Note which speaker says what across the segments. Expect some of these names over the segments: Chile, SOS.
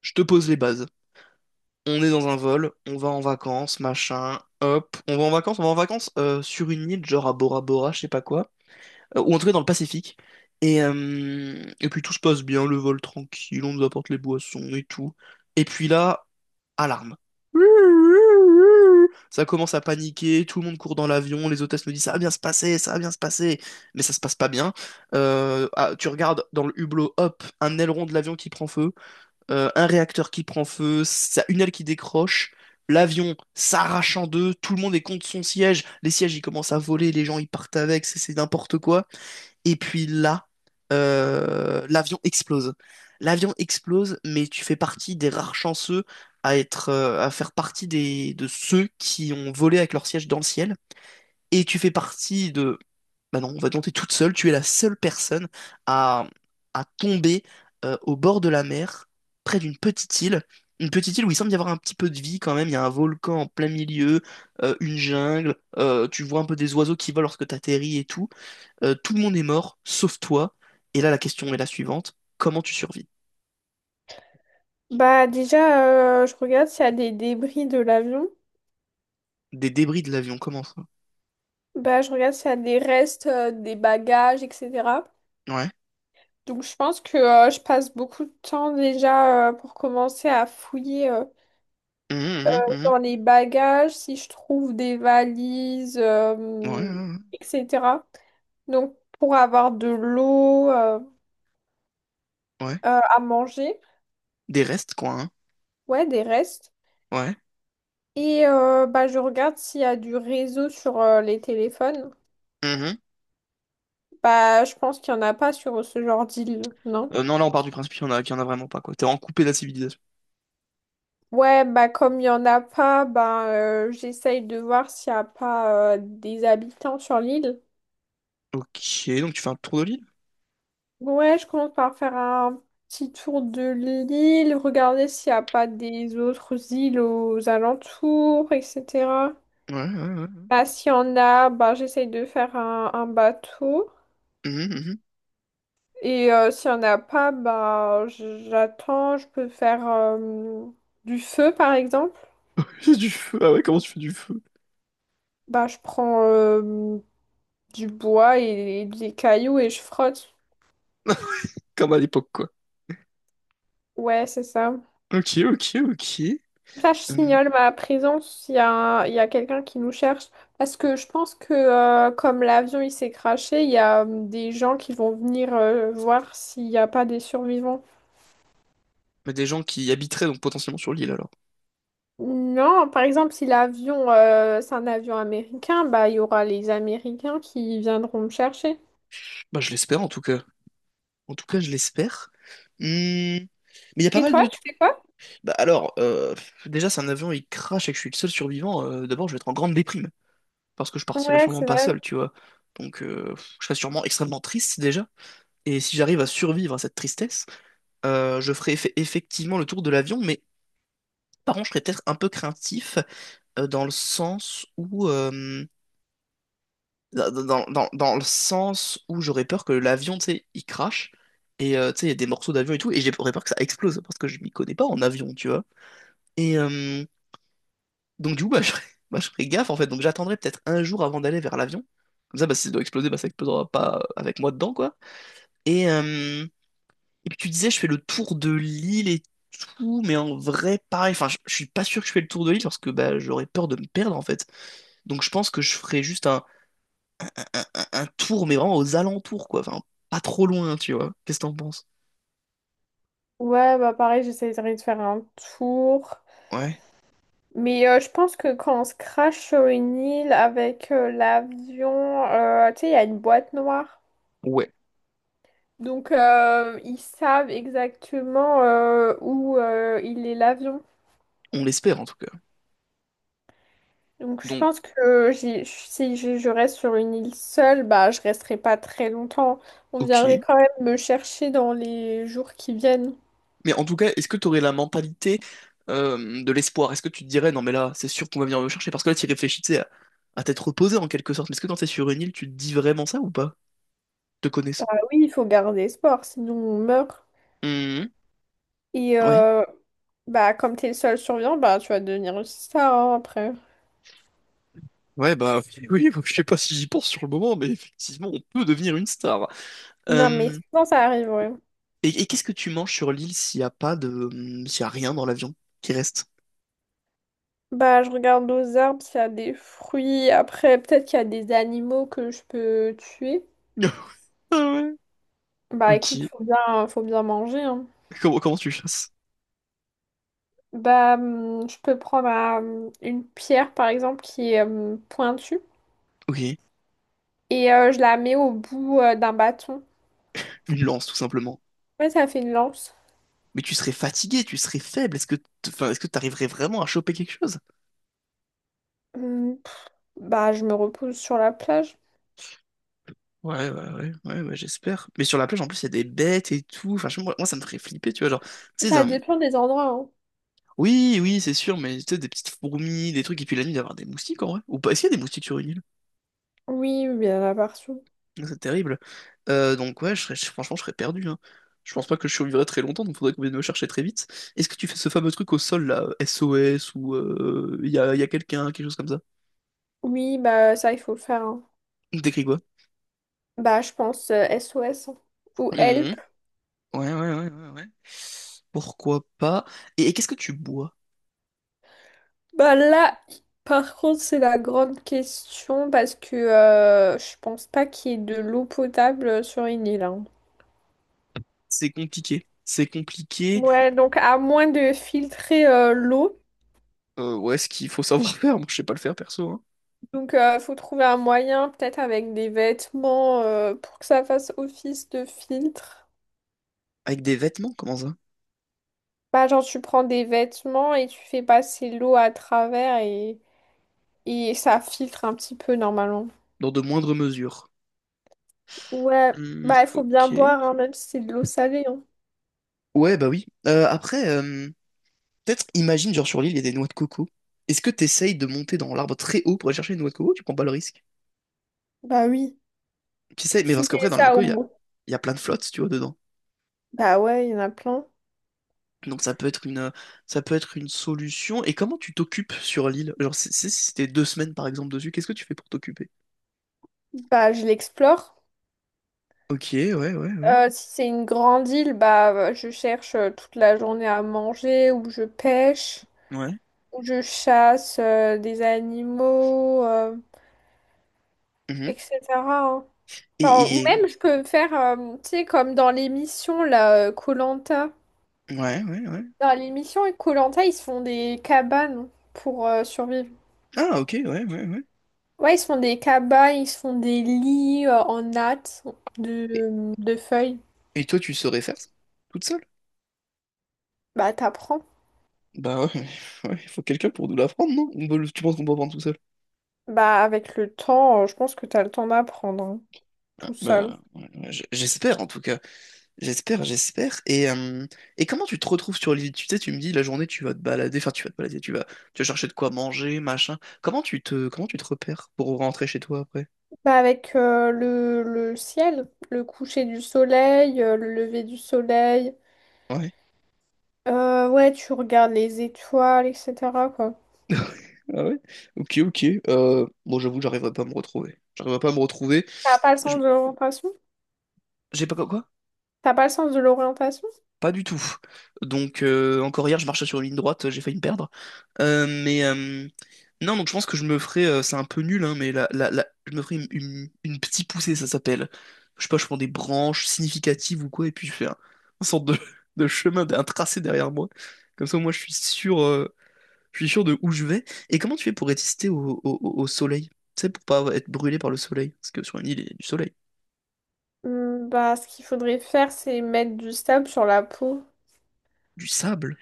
Speaker 1: Je te pose les bases. On est dans un vol, on va en vacances, machin, hop. On va en vacances, on va en vacances sur une île, genre à Bora Bora, je sais pas quoi. Ou en tout cas dans le Pacifique. Et puis tout se passe bien, le vol tranquille, on nous apporte les boissons et tout. Et puis là, alarme. Ça commence à paniquer, tout le monde court dans l'avion, les hôtesses nous disent ça va bien se passer, ça va bien se passer. Mais ça se passe pas bien. Tu regardes dans le hublot, hop, un aileron de l'avion qui prend feu. Un réacteur qui prend feu, une aile qui décroche, l'avion s'arrache en deux, tout le monde est contre son siège, les sièges ils commencent à voler, les gens ils partent avec, c'est n'importe quoi. Et puis là, l'avion explose. L'avion explose, mais tu fais partie des rares chanceux à être, à faire partie des, de ceux qui ont volé avec leur siège dans le ciel. Et tu fais partie de bah non, on va tenter toute seule. Tu es la seule personne à, à tomber au bord de la mer, près d'une petite île. Une petite île où il semble y avoir un petit peu de vie quand même. Il y a un volcan en plein milieu, une jungle. Tu vois un peu des oiseaux qui volent lorsque t'atterris et tout. Tout le monde est mort, sauf toi. Et là, la question est la suivante. Comment tu survis?
Speaker 2: Bah déjà, je regarde s'il y a des débris de l'avion.
Speaker 1: Des débris de l'avion, comment ça?
Speaker 2: Bah je regarde s'il y a des restes, des bagages, etc.
Speaker 1: Ouais.
Speaker 2: Donc je pense que je passe beaucoup de temps déjà pour commencer à fouiller
Speaker 1: Mhm, mhm,
Speaker 2: dans les bagages, si je trouve des valises,
Speaker 1: mhm. Ouais, ouais,
Speaker 2: etc. Donc pour avoir de l'eau euh,
Speaker 1: ouais. Ouais.
Speaker 2: euh, à manger,
Speaker 1: Des restes, quoi, hein.
Speaker 2: ouais, des restes.
Speaker 1: Ouais.
Speaker 2: Et bah je regarde s'il y a du réseau sur les téléphones.
Speaker 1: Mhm.
Speaker 2: Bah, je pense qu'il n'y en a pas sur ce genre d'île, non?
Speaker 1: Non, là, on part du principe qu'il y en a, qu'il y en a vraiment pas, quoi. T'es en coupé de la civilisation.
Speaker 2: Ouais, bah comme il n'y en a pas, bah, j'essaye de voir s'il n'y a pas des habitants sur l'île.
Speaker 1: Ok, donc tu fais un tour de l'île?
Speaker 2: Ouais, je commence par faire un petit tour de l'île, regarder s'il n'y a pas des autres îles aux alentours, etc.
Speaker 1: Ouais, ouais, ouais.
Speaker 2: Bah, s'il y en a, bah, j'essaye de faire un bateau.
Speaker 1: Mhm, mhm.
Speaker 2: Et s'il n'y en a pas, bah, j'attends, je peux faire du feu, par exemple.
Speaker 1: J'ai du feu. Ah ouais, comment tu fais du feu?
Speaker 2: Bah, je prends du bois et des cailloux et je frotte.
Speaker 1: Comme à l'époque, quoi.
Speaker 2: Ouais, c'est ça.
Speaker 1: Ok, ok, ok.
Speaker 2: Ça, je
Speaker 1: Hum,
Speaker 2: signale ma présence s'il y a, il y a quelqu'un qui nous cherche. Parce que je pense que comme l'avion il s'est crashé, il y a des gens qui vont venir voir s'il n'y a pas des survivants.
Speaker 1: mais des gens qui habiteraient donc potentiellement sur l'île alors.
Speaker 2: Non, par exemple, si l'avion c'est un avion américain, bah il y aura les Américains qui viendront me chercher.
Speaker 1: Bah je l'espère en tout cas. En tout cas, je l'espère. Mais il y a pas
Speaker 2: Et
Speaker 1: mal
Speaker 2: toi,
Speaker 1: de...
Speaker 2: tu fais quoi?
Speaker 1: Bah alors, déjà si un avion il crache et que je suis le seul survivant, d'abord je vais être en grande déprime. Parce que je partirai
Speaker 2: Ouais,
Speaker 1: sûrement
Speaker 2: c'est
Speaker 1: pas
Speaker 2: vrai.
Speaker 1: seul, tu vois. Donc je serai sûrement extrêmement triste déjà. Et si j'arrive à survivre à cette tristesse, je ferai effectivement le tour de l'avion, mais par contre, je serais peut-être un peu craintif dans le sens où, dans le sens où j'aurais peur que l'avion, tu sais, il crache et tu sais, il y a des morceaux d'avion et tout, et j'aurais peur que ça explose parce que je m'y connais pas en avion, tu vois. Et euh, donc du coup, bah, je ferais, bah, je ferais gaffe en fait. Donc j'attendrai peut-être un jour avant d'aller vers l'avion. Comme ça, bah, si ça doit exploser, bah, ça explosera pas avec moi dedans, quoi. Et, euh, Et puis tu disais, je fais le tour de l'île et tout, mais en vrai, pareil. Enfin, je suis pas sûr que je fais le tour de l'île parce que bah, j'aurais peur de me perdre en fait. Donc je pense que je ferais juste un, un tour, mais vraiment aux alentours, quoi. Enfin, pas trop loin, tu vois. Qu'est-ce que t'en penses?
Speaker 2: Ouais, bah pareil, j'essaierai de faire un tour.
Speaker 1: Ouais.
Speaker 2: Mais je pense que quand on se crache sur une île avec l'avion, tu sais, il y a une boîte noire.
Speaker 1: Ouais.
Speaker 2: Donc, ils savent exactement où il est l'avion.
Speaker 1: On l'espère en tout cas.
Speaker 2: Donc, je
Speaker 1: Donc,
Speaker 2: pense que si je reste sur une île seule, bah, je resterai pas très longtemps. On viendrait
Speaker 1: ok.
Speaker 2: quand même me chercher dans les jours qui viennent.
Speaker 1: Mais en tout cas, est-ce que t'aurais la mentalité de l'espoir? Est-ce que tu te dirais, non mais là, c'est sûr qu'on va venir me chercher? Parce que là, tu réfléchis, tu sais, à t'être reposé en quelque sorte. Mais est-ce que quand t'es sur une île, tu te dis vraiment ça ou pas? Te
Speaker 2: Bah
Speaker 1: connaissant.
Speaker 2: oui, il faut garder espoir, sinon on meurt.
Speaker 1: Mhm.
Speaker 2: Et
Speaker 1: Ouais.
Speaker 2: bah, comme tu es le seul survivant, bah, tu vas devenir une star hein, après.
Speaker 1: Ouais, bah oui, oui, je sais pas si j'y pense sur le moment, mais effectivement, on peut devenir une star.
Speaker 2: Non, mais
Speaker 1: Euh,
Speaker 2: sinon, ça arrive, ouais.
Speaker 1: et qu'est-ce que tu manges sur l'île s'il y a pas de, s'il y a rien dans l'avion qui reste?
Speaker 2: Bah, je regarde aux arbres, s'il y a des fruits. Après, peut-être qu'il y a des animaux que je peux tuer.
Speaker 1: Ah ouais.
Speaker 2: Bah,
Speaker 1: Ok.
Speaker 2: écoute, faut bien manger, hein.
Speaker 1: Comment, comment tu chasses?
Speaker 2: Bah, je peux prendre une pierre, par exemple, qui est pointue.
Speaker 1: Ok.
Speaker 2: Et je la mets au bout d'un bâton.
Speaker 1: Une lance, tout simplement.
Speaker 2: Ouais, ça fait une lance.
Speaker 1: Mais tu serais fatigué, tu serais faible. Est-ce que, enfin, est-ce que t'arriverais vraiment à choper quelque chose?
Speaker 2: Hum, Bah, je me repose sur la plage.
Speaker 1: Ouais, ouais, ouais, ouais, ouais, j'espère. Mais sur la plage, en plus, il y a des bêtes et tout. Enfin, moi, moi, ça me ferait flipper, tu vois. Genre, tu sais,
Speaker 2: Ça
Speaker 1: un-
Speaker 2: dépend des endroits, hein.
Speaker 1: Oui, oui, c'est sûr, mais tu sais, des petites fourmis, des trucs, et puis la nuit, d'avoir des moustiques en vrai. Ou pas, est-ce qu'il y a des moustiques sur une île?
Speaker 2: Oui, oui, il y en a partout.
Speaker 1: C'est terrible. Donc, ouais, franchement, je serais perdu, hein. Je pense pas que je survivrais très longtemps, donc faudrait qu'on vienne me chercher très vite. Est-ce que tu fais ce fameux truc au sol, là, SOS, ou y a, y a quelqu'un, quelque chose comme ça?
Speaker 2: Oui, bah, ça, il faut le faire, hein.
Speaker 1: T'écris quoi?
Speaker 2: Bah, je pense SOS. Hein. Ou help.
Speaker 1: Mhm. Ouais, ouais, ouais, ouais, ouais. Pourquoi pas? Et qu'est-ce que tu bois?
Speaker 2: Bah là, par contre, c'est la grande question parce que je pense pas qu'il y ait de l'eau potable sur une île. Hein.
Speaker 1: C'est compliqué. C'est compliqué.
Speaker 2: Ouais, donc à moins de filtrer l'eau,
Speaker 1: Ouais, ce qu'il faut savoir faire, moi, je sais pas le faire perso, hein.
Speaker 2: donc faut trouver un moyen, peut-être avec des vêtements pour que ça fasse office de filtre.
Speaker 1: Avec des vêtements, comment ça?
Speaker 2: Bah genre tu prends des vêtements et tu fais passer l'eau à travers et ça filtre un petit peu normalement.
Speaker 1: Dans de moindres mesures.
Speaker 2: Ouais,
Speaker 1: Hmm,
Speaker 2: bah il faut bien
Speaker 1: ok.
Speaker 2: boire hein, même si c'est de l'eau salée. Hein.
Speaker 1: Ouais, bah oui. Après, peut-être imagine, genre sur l'île, il y a des noix de coco. Est-ce que t'essayes de monter dans l'arbre très haut pour aller chercher une noix de coco? Tu prends pas le risque.
Speaker 2: Bah oui.
Speaker 1: T'essayes, mais parce
Speaker 2: Si
Speaker 1: qu'après,
Speaker 2: c'est
Speaker 1: dans la noix de
Speaker 2: ça au
Speaker 1: coco,
Speaker 2: moins.
Speaker 1: il y a plein de flottes, tu vois, dedans.
Speaker 2: Bah ouais, il y en a plein.
Speaker 1: Donc ça peut être ça peut être une solution. Et comment tu t'occupes sur l'île? Genre, si c'était deux semaines, par exemple, dessus, qu'est-ce que tu fais pour t'occuper?
Speaker 2: Bah je l'explore.
Speaker 1: Ok, ouais, ouais, ouais.
Speaker 2: Si c'est une grande île, bah je cherche toute la journée à manger, ou je pêche,
Speaker 1: Ouais.
Speaker 2: ou je chasse des animaux,
Speaker 1: Mhm.
Speaker 2: etc. Hein. Genre, ou
Speaker 1: Et-
Speaker 2: même je peux faire, tu sais, comme dans l'émission là, koh. Dans
Speaker 1: Ouais, ouais, ouais.
Speaker 2: l'émission koh ils se font des cabanes pour survivre.
Speaker 1: Ah, ok, ouais, ouais, ouais.
Speaker 2: Ouais, ils se font des cabanes, ils se font des lits en natte
Speaker 1: Et,
Speaker 2: de feuilles.
Speaker 1: et toi, tu saurais faire ça? Toute seule?
Speaker 2: Bah t'apprends.
Speaker 1: Bah ouais, mais- ouais, il faut quelqu'un pour nous l'apprendre, non? On peut le- tu penses qu'on peut apprendre tout seul?
Speaker 2: Bah, avec le temps, je pense que t'as le temps d'apprendre, hein,
Speaker 1: Ah,
Speaker 2: tout seul.
Speaker 1: bah, ouais, ouais, j'espère en tout cas. J'espère, j'espère. Et comment tu te retrouves sur l'île? Tu sais, tu me dis la journée tu vas te balader, enfin tu vas te balader, tu vas chercher de quoi manger, machin. Comment comment tu te repères pour rentrer chez toi après?
Speaker 2: Bah, avec le ciel, le coucher du soleil, le lever du soleil.
Speaker 1: Ouais.
Speaker 2: Ouais, tu regardes les étoiles, etc., quoi.
Speaker 1: Ah ouais? Ok, ok. Bon, j'avoue, j'arriverai pas à me retrouver. J'arriverai pas à me retrouver.
Speaker 2: T'as pas le
Speaker 1: Je-
Speaker 2: sens de l'orientation?
Speaker 1: J'ai pas quoi?
Speaker 2: T'as pas le sens de l'orientation?
Speaker 1: Pas du tout. Donc, encore hier, je marchais sur une ligne droite, j'ai failli me perdre. Mais non, donc je pense que je me ferai, c'est un peu nul, hein, mais je me ferai une, une petite poussée, ça s'appelle. Je sais pas, je prends des branches significatives ou quoi, et puis je fais un, une sorte de, de chemin, un tracé derrière moi. Comme ça, moi, je suis sûr de où je vais. Et comment tu fais pour résister au soleil? Tu sais, pour pas être brûlé par le soleil. Parce que sur une île, il y a du soleil,
Speaker 2: Hmm, bah, ce qu'il faudrait faire, c'est mettre du sable sur la peau.
Speaker 1: du sable.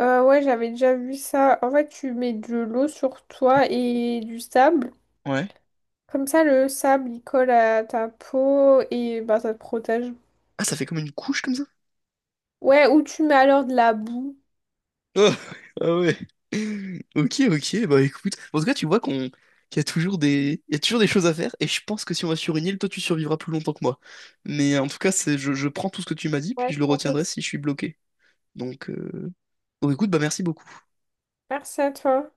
Speaker 2: Ouais, j'avais déjà vu ça. En fait, tu mets de l'eau sur toi et du sable.
Speaker 1: Ouais.
Speaker 2: Comme ça, le sable, il colle à ta peau et bah, ça te protège.
Speaker 1: Ah, ça fait comme une couche comme ça?
Speaker 2: Ouais, ou tu mets alors de la boue.
Speaker 1: Ah ah ouais. Ok, ok, bah écoute. En tout cas, tu vois qu'il y a toujours des... il y a toujours des choses à faire, et je pense que si on va sur une île, toi tu survivras plus longtemps que moi. Mais en tout cas, c'est je prends tout ce que tu m'as dit, puis
Speaker 2: Ouais,
Speaker 1: je
Speaker 2: je
Speaker 1: le
Speaker 2: pense
Speaker 1: retiendrai
Speaker 2: aussi.
Speaker 1: si je suis bloqué. Donc, euh, donc écoute, bah merci beaucoup.
Speaker 2: Merci à toi.